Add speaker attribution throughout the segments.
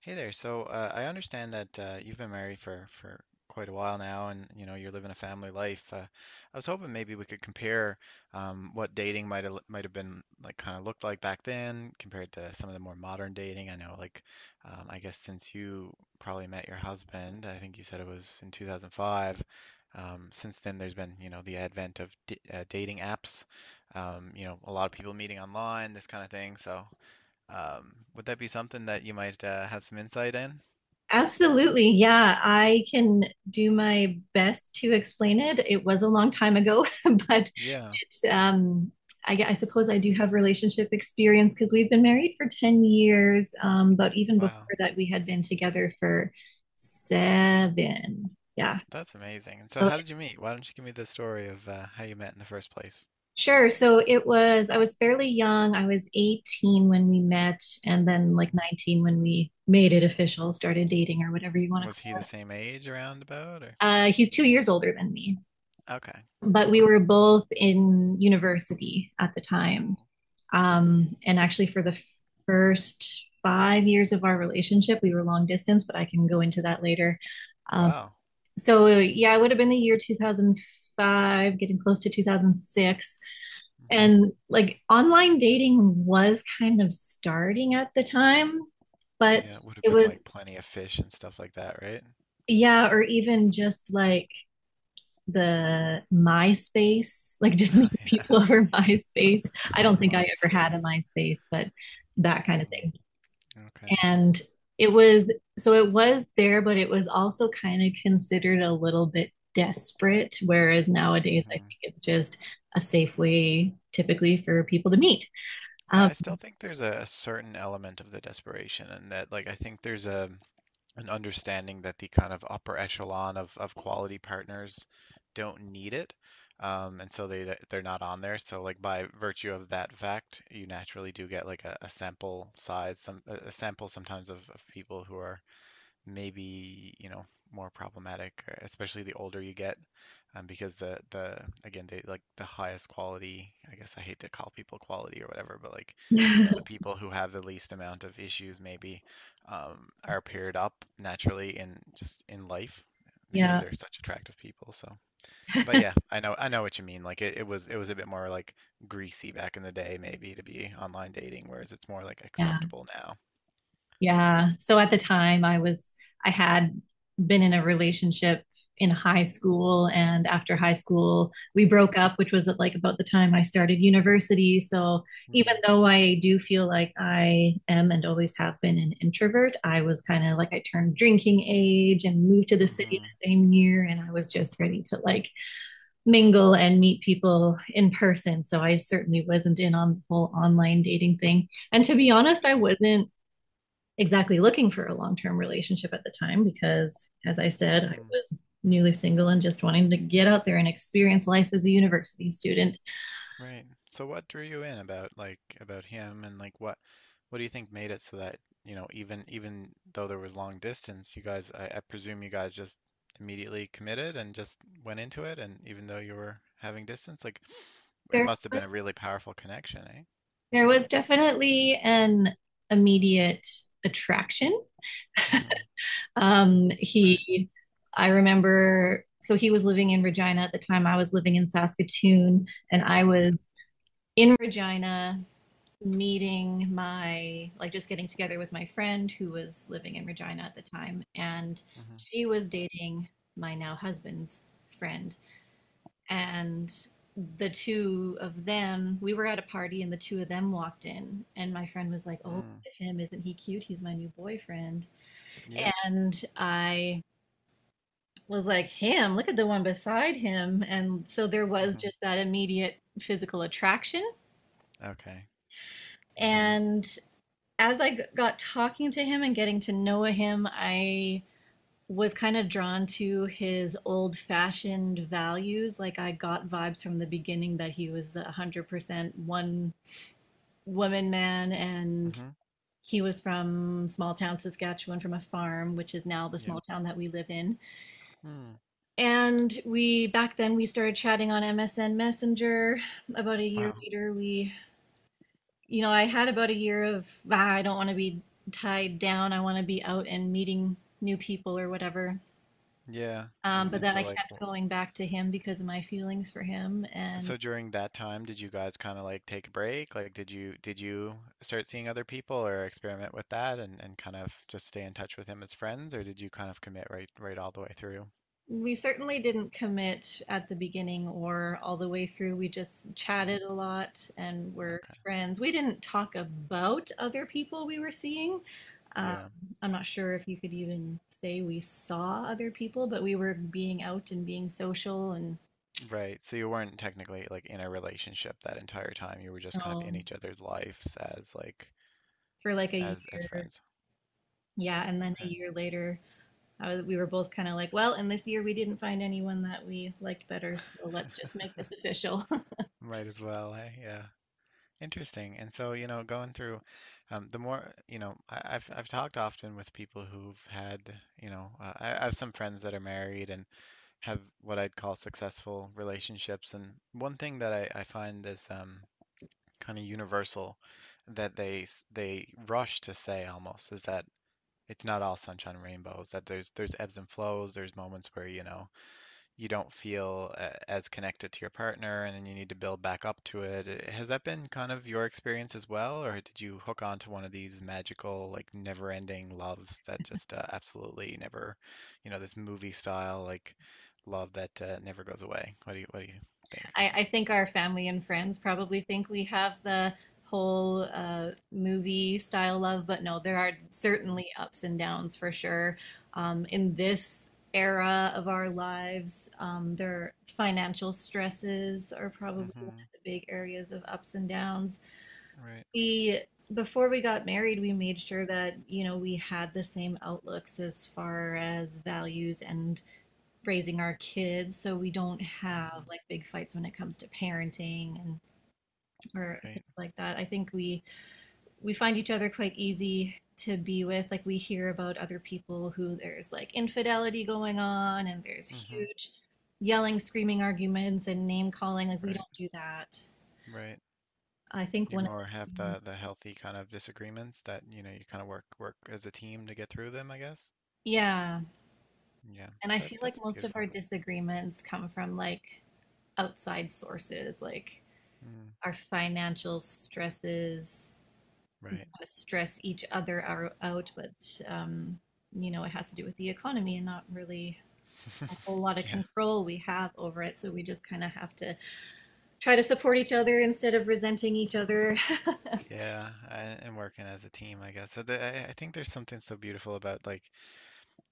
Speaker 1: Hey there. I understand that you've been married for quite a while now, and you know you're living a family life. I was hoping maybe we could compare what dating might have been like, kind of looked like back then, compared to some of the more modern dating. I know, I guess since you probably met your husband, I think you said it was in 2005. Since then, there's been, you know, the advent of d dating apps. You know, a lot of people meeting online, this kind of thing. Would that be something that you might have some insight in?
Speaker 2: Absolutely. Yeah, I can do my best to explain it. It was a long time ago, but
Speaker 1: Yeah.
Speaker 2: it, um, I suppose I do have relationship experience because we've been married for 10 years. But even before
Speaker 1: Wow.
Speaker 2: that, we had been together for seven. Yeah.
Speaker 1: That's amazing. And so
Speaker 2: So
Speaker 1: how
Speaker 2: it-
Speaker 1: did you meet? Why don't you give me the story of how you met in the first place?
Speaker 2: sure. I was fairly young. I was 18 when we met, and then like
Speaker 1: Hmm.
Speaker 2: 19 when we made it official, started dating or whatever you want to
Speaker 1: Was
Speaker 2: call
Speaker 1: he
Speaker 2: it.
Speaker 1: the same age around about or?
Speaker 2: He's 2 years older than me.
Speaker 1: Okay.
Speaker 2: But we
Speaker 1: Cool.
Speaker 2: were both in university at the time.
Speaker 1: Mm.
Speaker 2: And actually, for the first 5 years of our relationship, we were long distance, but I can go into that later. Um,
Speaker 1: Wow.
Speaker 2: so, yeah, it would have been the year 2005, getting close to 2006.
Speaker 1: Hmm.
Speaker 2: And like online dating was kind of starting at the time, but
Speaker 1: Yeah, it would have
Speaker 2: it
Speaker 1: been
Speaker 2: was,
Speaker 1: like plenty of fish and stuff like that, right?
Speaker 2: yeah, or even just like the MySpace, like just meeting people
Speaker 1: Yeah,
Speaker 2: over
Speaker 1: yeah.
Speaker 2: MySpace. I
Speaker 1: Oh,
Speaker 2: don't think I ever had a
Speaker 1: MySpace.
Speaker 2: MySpace, but that kind of
Speaker 1: Mm,
Speaker 2: thing.
Speaker 1: okay.
Speaker 2: And it was so it was there, but it was also kind of considered a little bit desperate. Whereas nowadays, I think
Speaker 1: Hmm.
Speaker 2: it's just a safe way typically for people to meet. Um,
Speaker 1: I still think there's a certain element of the desperation, and that, like, I think there's a and understanding that the kind of upper echelon of quality partners don't need it. And so they're not on there. So like by virtue of that fact, you naturally do get like a sample size, some a sample sometimes of people who are maybe, you know, more problematic, especially the older you get, because they like the highest quality, I guess. I hate to call people quality or whatever, but like, you know, the people who have the least amount of issues maybe, are paired up naturally in just in life because
Speaker 2: yeah.
Speaker 1: they're such attractive people. So but yeah, I know what you mean. Like it was a bit more like greasy back in the day maybe to be online dating, whereas it's more like
Speaker 2: Yeah.
Speaker 1: acceptable now.
Speaker 2: Yeah. So at the time I had been in a relationship in high school, and after high school we broke up, which was at like about the time I started university. So even though I do feel like I am and always have been an introvert, I was kind of like, I turned drinking age and moved to the city
Speaker 1: Mm-hmm.
Speaker 2: the same year, and I was just ready to like mingle and meet people in person. So I certainly wasn't in on the whole online dating thing. And to be honest, I wasn't exactly looking for a long term relationship at the time because, as I said, I was newly single and just wanting to get out there and experience life as a university student.
Speaker 1: Right. So what drew you in about, like, about him, and like what do you think made it so that, you know, even even though there was long distance, you guys, I presume you guys just immediately committed and just went into it, and even though you were having distance, like it
Speaker 2: There,
Speaker 1: must have been a really powerful connection, eh?
Speaker 2: there was definitely an immediate attraction.
Speaker 1: Hmm.
Speaker 2: Um,
Speaker 1: Right.
Speaker 2: he, I remember, so he was living in Regina at the time. I was living in Saskatoon, and I
Speaker 1: Okay.
Speaker 2: was in Regina meeting my just getting together with my friend who was living in Regina at the time, and
Speaker 1: Hmm.
Speaker 2: she was dating my now husband's friend. And the two of them, we were at a party and the two of them walked in, and my friend was like, oh, look
Speaker 1: Mm.
Speaker 2: at him, isn't he cute, he's my new boyfriend.
Speaker 1: Yep.
Speaker 2: And I was like, him, look at the one beside him. And so there was
Speaker 1: Hmm.
Speaker 2: just that immediate physical attraction.
Speaker 1: Okay. Yeah.
Speaker 2: And as I got talking to him and getting to know him, I was kind of drawn to his old fashioned values. Like, I got vibes from the beginning that he was a 100% one woman man, and
Speaker 1: Hmm.
Speaker 2: he was from small town Saskatchewan, from a farm, which is now the
Speaker 1: Yep.
Speaker 2: small town that we live in.
Speaker 1: Mm.
Speaker 2: And we Back then we started chatting on MSN Messenger. About a year
Speaker 1: Wow.
Speaker 2: later, we you know, I had about a year of, ah, I don't want to be tied down, I want to be out and meeting new people or whatever.
Speaker 1: Yeah.
Speaker 2: But
Speaker 1: And
Speaker 2: then I
Speaker 1: so like
Speaker 2: kept
Speaker 1: wh-
Speaker 2: going back to him because of my feelings for him. And
Speaker 1: So during that time, did you guys kind of like take a break? Like, did you start seeing other people or experiment with that, and kind of just stay in touch with him as friends, or did you kind of commit right all the way through?
Speaker 2: we certainly didn't commit at the beginning or all the way through. We just
Speaker 1: Mm,
Speaker 2: chatted a lot and were
Speaker 1: okay.
Speaker 2: friends. We didn't talk about other people we were seeing. Um,
Speaker 1: Yeah.
Speaker 2: I'm not sure if you could even say we saw other people, but we were being out and being social, and
Speaker 1: Right. So you weren't technically like in a relationship that entire time. You were just
Speaker 2: you
Speaker 1: kind of
Speaker 2: know,
Speaker 1: in each other's lives as like
Speaker 2: for like a
Speaker 1: as
Speaker 2: year.
Speaker 1: friends.
Speaker 2: Yeah, and then a
Speaker 1: Okay.
Speaker 2: year later, we were both kind of like, well, and this year we didn't find anyone that we liked better, so let's just make this official.
Speaker 1: Might as well, hey? Yeah. Interesting. And so, you know, going through, the more, you know, I've talked often with people who've had, you know, I have some friends that are married and have what I'd call successful relationships. And one thing that I find is, kind of universal, that they rush to say almost, is that it's not all sunshine and rainbows, that there's ebbs and flows, there's moments where, you know, you don't feel as connected to your partner, and then you need to build back up to it. Has that been kind of your experience as well, or did you hook on to one of these magical, like never-ending loves that just, absolutely never, you know, this movie style like love that, never goes away? What do you think?
Speaker 2: I think our family and friends probably think we have the whole movie style love, but no, there are
Speaker 1: Mm.
Speaker 2: certainly ups and downs for sure. In this era of our lives, their financial stresses are probably one
Speaker 1: Mm-hmm.
Speaker 2: of the big areas of ups and downs.
Speaker 1: Right.
Speaker 2: We before we got married, we made sure that, you know, we had the same outlooks as far as values and raising our kids, so we don't have
Speaker 1: Mm-hmm.
Speaker 2: like big fights when it comes to parenting and or
Speaker 1: Right.
Speaker 2: things like that. I think We find each other quite easy to be with. Like, we hear about other people who there's like infidelity going on, and there's
Speaker 1: Mm-hmm.
Speaker 2: huge yelling, screaming arguments and name calling. Like, we
Speaker 1: Right.
Speaker 2: don't do that.
Speaker 1: Right.
Speaker 2: I think
Speaker 1: You
Speaker 2: one of
Speaker 1: more have
Speaker 2: the
Speaker 1: the healthy kind of disagreements that, you know, you kind of work as a team to get through them, I guess.
Speaker 2: Yeah.
Speaker 1: Yeah.
Speaker 2: And I
Speaker 1: That
Speaker 2: feel like
Speaker 1: that's
Speaker 2: most of our
Speaker 1: beautiful.
Speaker 2: disagreements come from like outside sources, like
Speaker 1: Mm,
Speaker 2: our financial stresses
Speaker 1: right.
Speaker 2: stress each other out, but um, you know, it has to do with the economy, and not really a whole lot of
Speaker 1: Yeah.
Speaker 2: control we have over it. So we just kind of have to try to support each other instead of resenting each other.
Speaker 1: Yeah. And working as a team, I guess. So I think there's something so beautiful about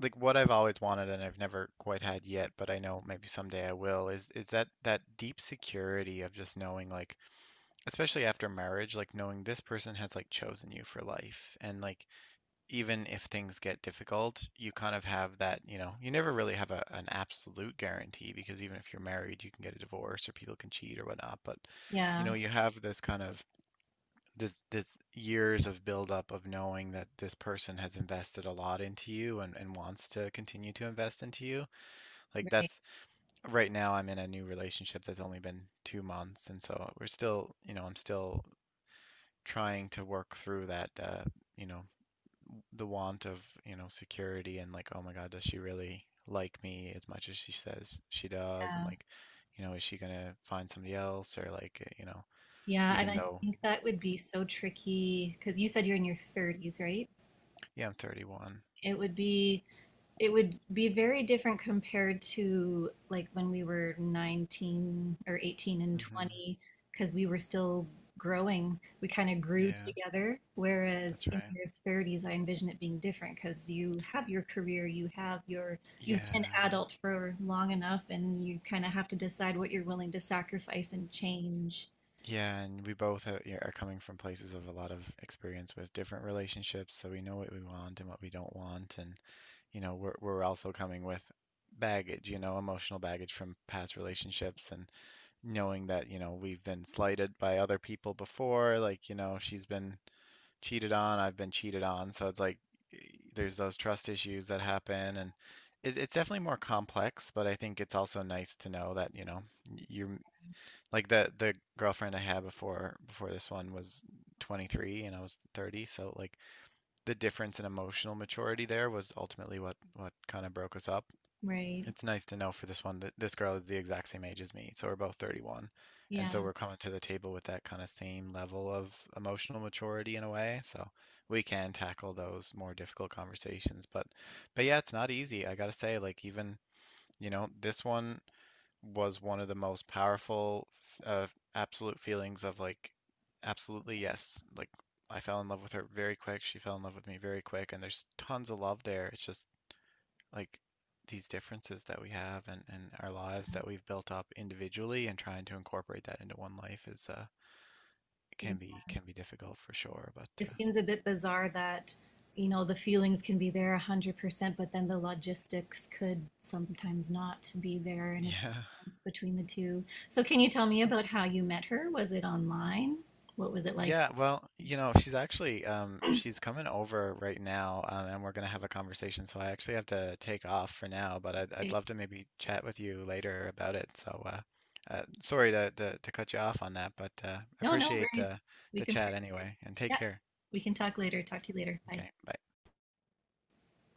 Speaker 1: like what I've always wanted and I've never quite had yet, but I know maybe someday I will, is that deep security of just knowing, like, especially after marriage, like knowing this person has like chosen you for life. And like even if things get difficult, you kind of have that, you know, you never really have an absolute guarantee, because even if you're married, you can get a divorce or people can cheat or whatnot, but you
Speaker 2: Yeah,
Speaker 1: know, you have this kind of this years of buildup of knowing that this person has invested a lot into you, and wants to continue to invest into you. Like
Speaker 2: right.
Speaker 1: that's right now. I'm in a new relationship that's only been 2 months, and so we're still, you know, I'm still trying to work through that, you know, the want of, you know, security, and like, oh my God, does she really like me as much as she says she does? And
Speaker 2: Yeah.
Speaker 1: like, you know, is she gonna find somebody else, or like, you know,
Speaker 2: Yeah, and
Speaker 1: even
Speaker 2: I
Speaker 1: though,
Speaker 2: think that would be so tricky because you said you're in your 30s, right?
Speaker 1: yeah, I'm 31.
Speaker 2: It would be It would be very different compared to like when we were 19 or 18 and
Speaker 1: Hmm.
Speaker 2: 20, because we were still growing. We kind of grew
Speaker 1: Yeah.
Speaker 2: together. Whereas
Speaker 1: That's
Speaker 2: in
Speaker 1: right.
Speaker 2: your 30s, I envision it being different because you have your career, you have you've been an
Speaker 1: Yeah.
Speaker 2: adult for long enough, and you kind of have to decide what you're willing to sacrifice and change,
Speaker 1: Yeah, and we both are, yeah, are coming from places of a lot of experience with different relationships, so we know what we want and what we don't want, and you know, we're also coming with baggage, you know, emotional baggage from past relationships, and knowing that, you know, we've been slighted by other people before, like, you know, she's been cheated on, I've been cheated on, so it's like, eh, there's those trust issues that happen, and it's definitely more complex, but I think it's also nice to know that, you know, you're like the girlfriend I had before this one was 23 and I was 30, so like the difference in emotional maturity there was ultimately what kind of broke us up.
Speaker 2: right?
Speaker 1: It's nice to know for this one that this girl is the exact same age as me, so we're both 31. And so
Speaker 2: Yeah.
Speaker 1: we're coming to the table with that kind of same level of emotional maturity in a way, so we can tackle those more difficult conversations. But yeah, it's not easy. I gotta say, like, even you know, this one was one of the most powerful, uh, absolute feelings of like absolutely yes, like I fell in love with her very quick, she fell in love with me very quick, and there's tons of love there. It's just like these differences that we have, and our lives that we've built up individually, and trying to incorporate that into one life is, can be, can be difficult for sure, but
Speaker 2: It seems a bit bizarre that, you know, the feelings can be there 100%, but then the logistics could sometimes not be there, and
Speaker 1: yeah.
Speaker 2: it's between the two. So, can you tell me about how you met her? Was it online? What was it like?
Speaker 1: Yeah, well, you know, she's actually she's coming over right now, and we're gonna have a conversation. So I actually have to take off for now, but I'd
Speaker 2: Okay.
Speaker 1: love to maybe chat with you later about it. So sorry to, to cut you off on that, but
Speaker 2: No, no
Speaker 1: appreciate
Speaker 2: worries. We
Speaker 1: the
Speaker 2: can,
Speaker 1: chat anyway, and take
Speaker 2: yeah,
Speaker 1: care.
Speaker 2: we can talk later. Talk to you later. Bye.
Speaker 1: Okay, bye.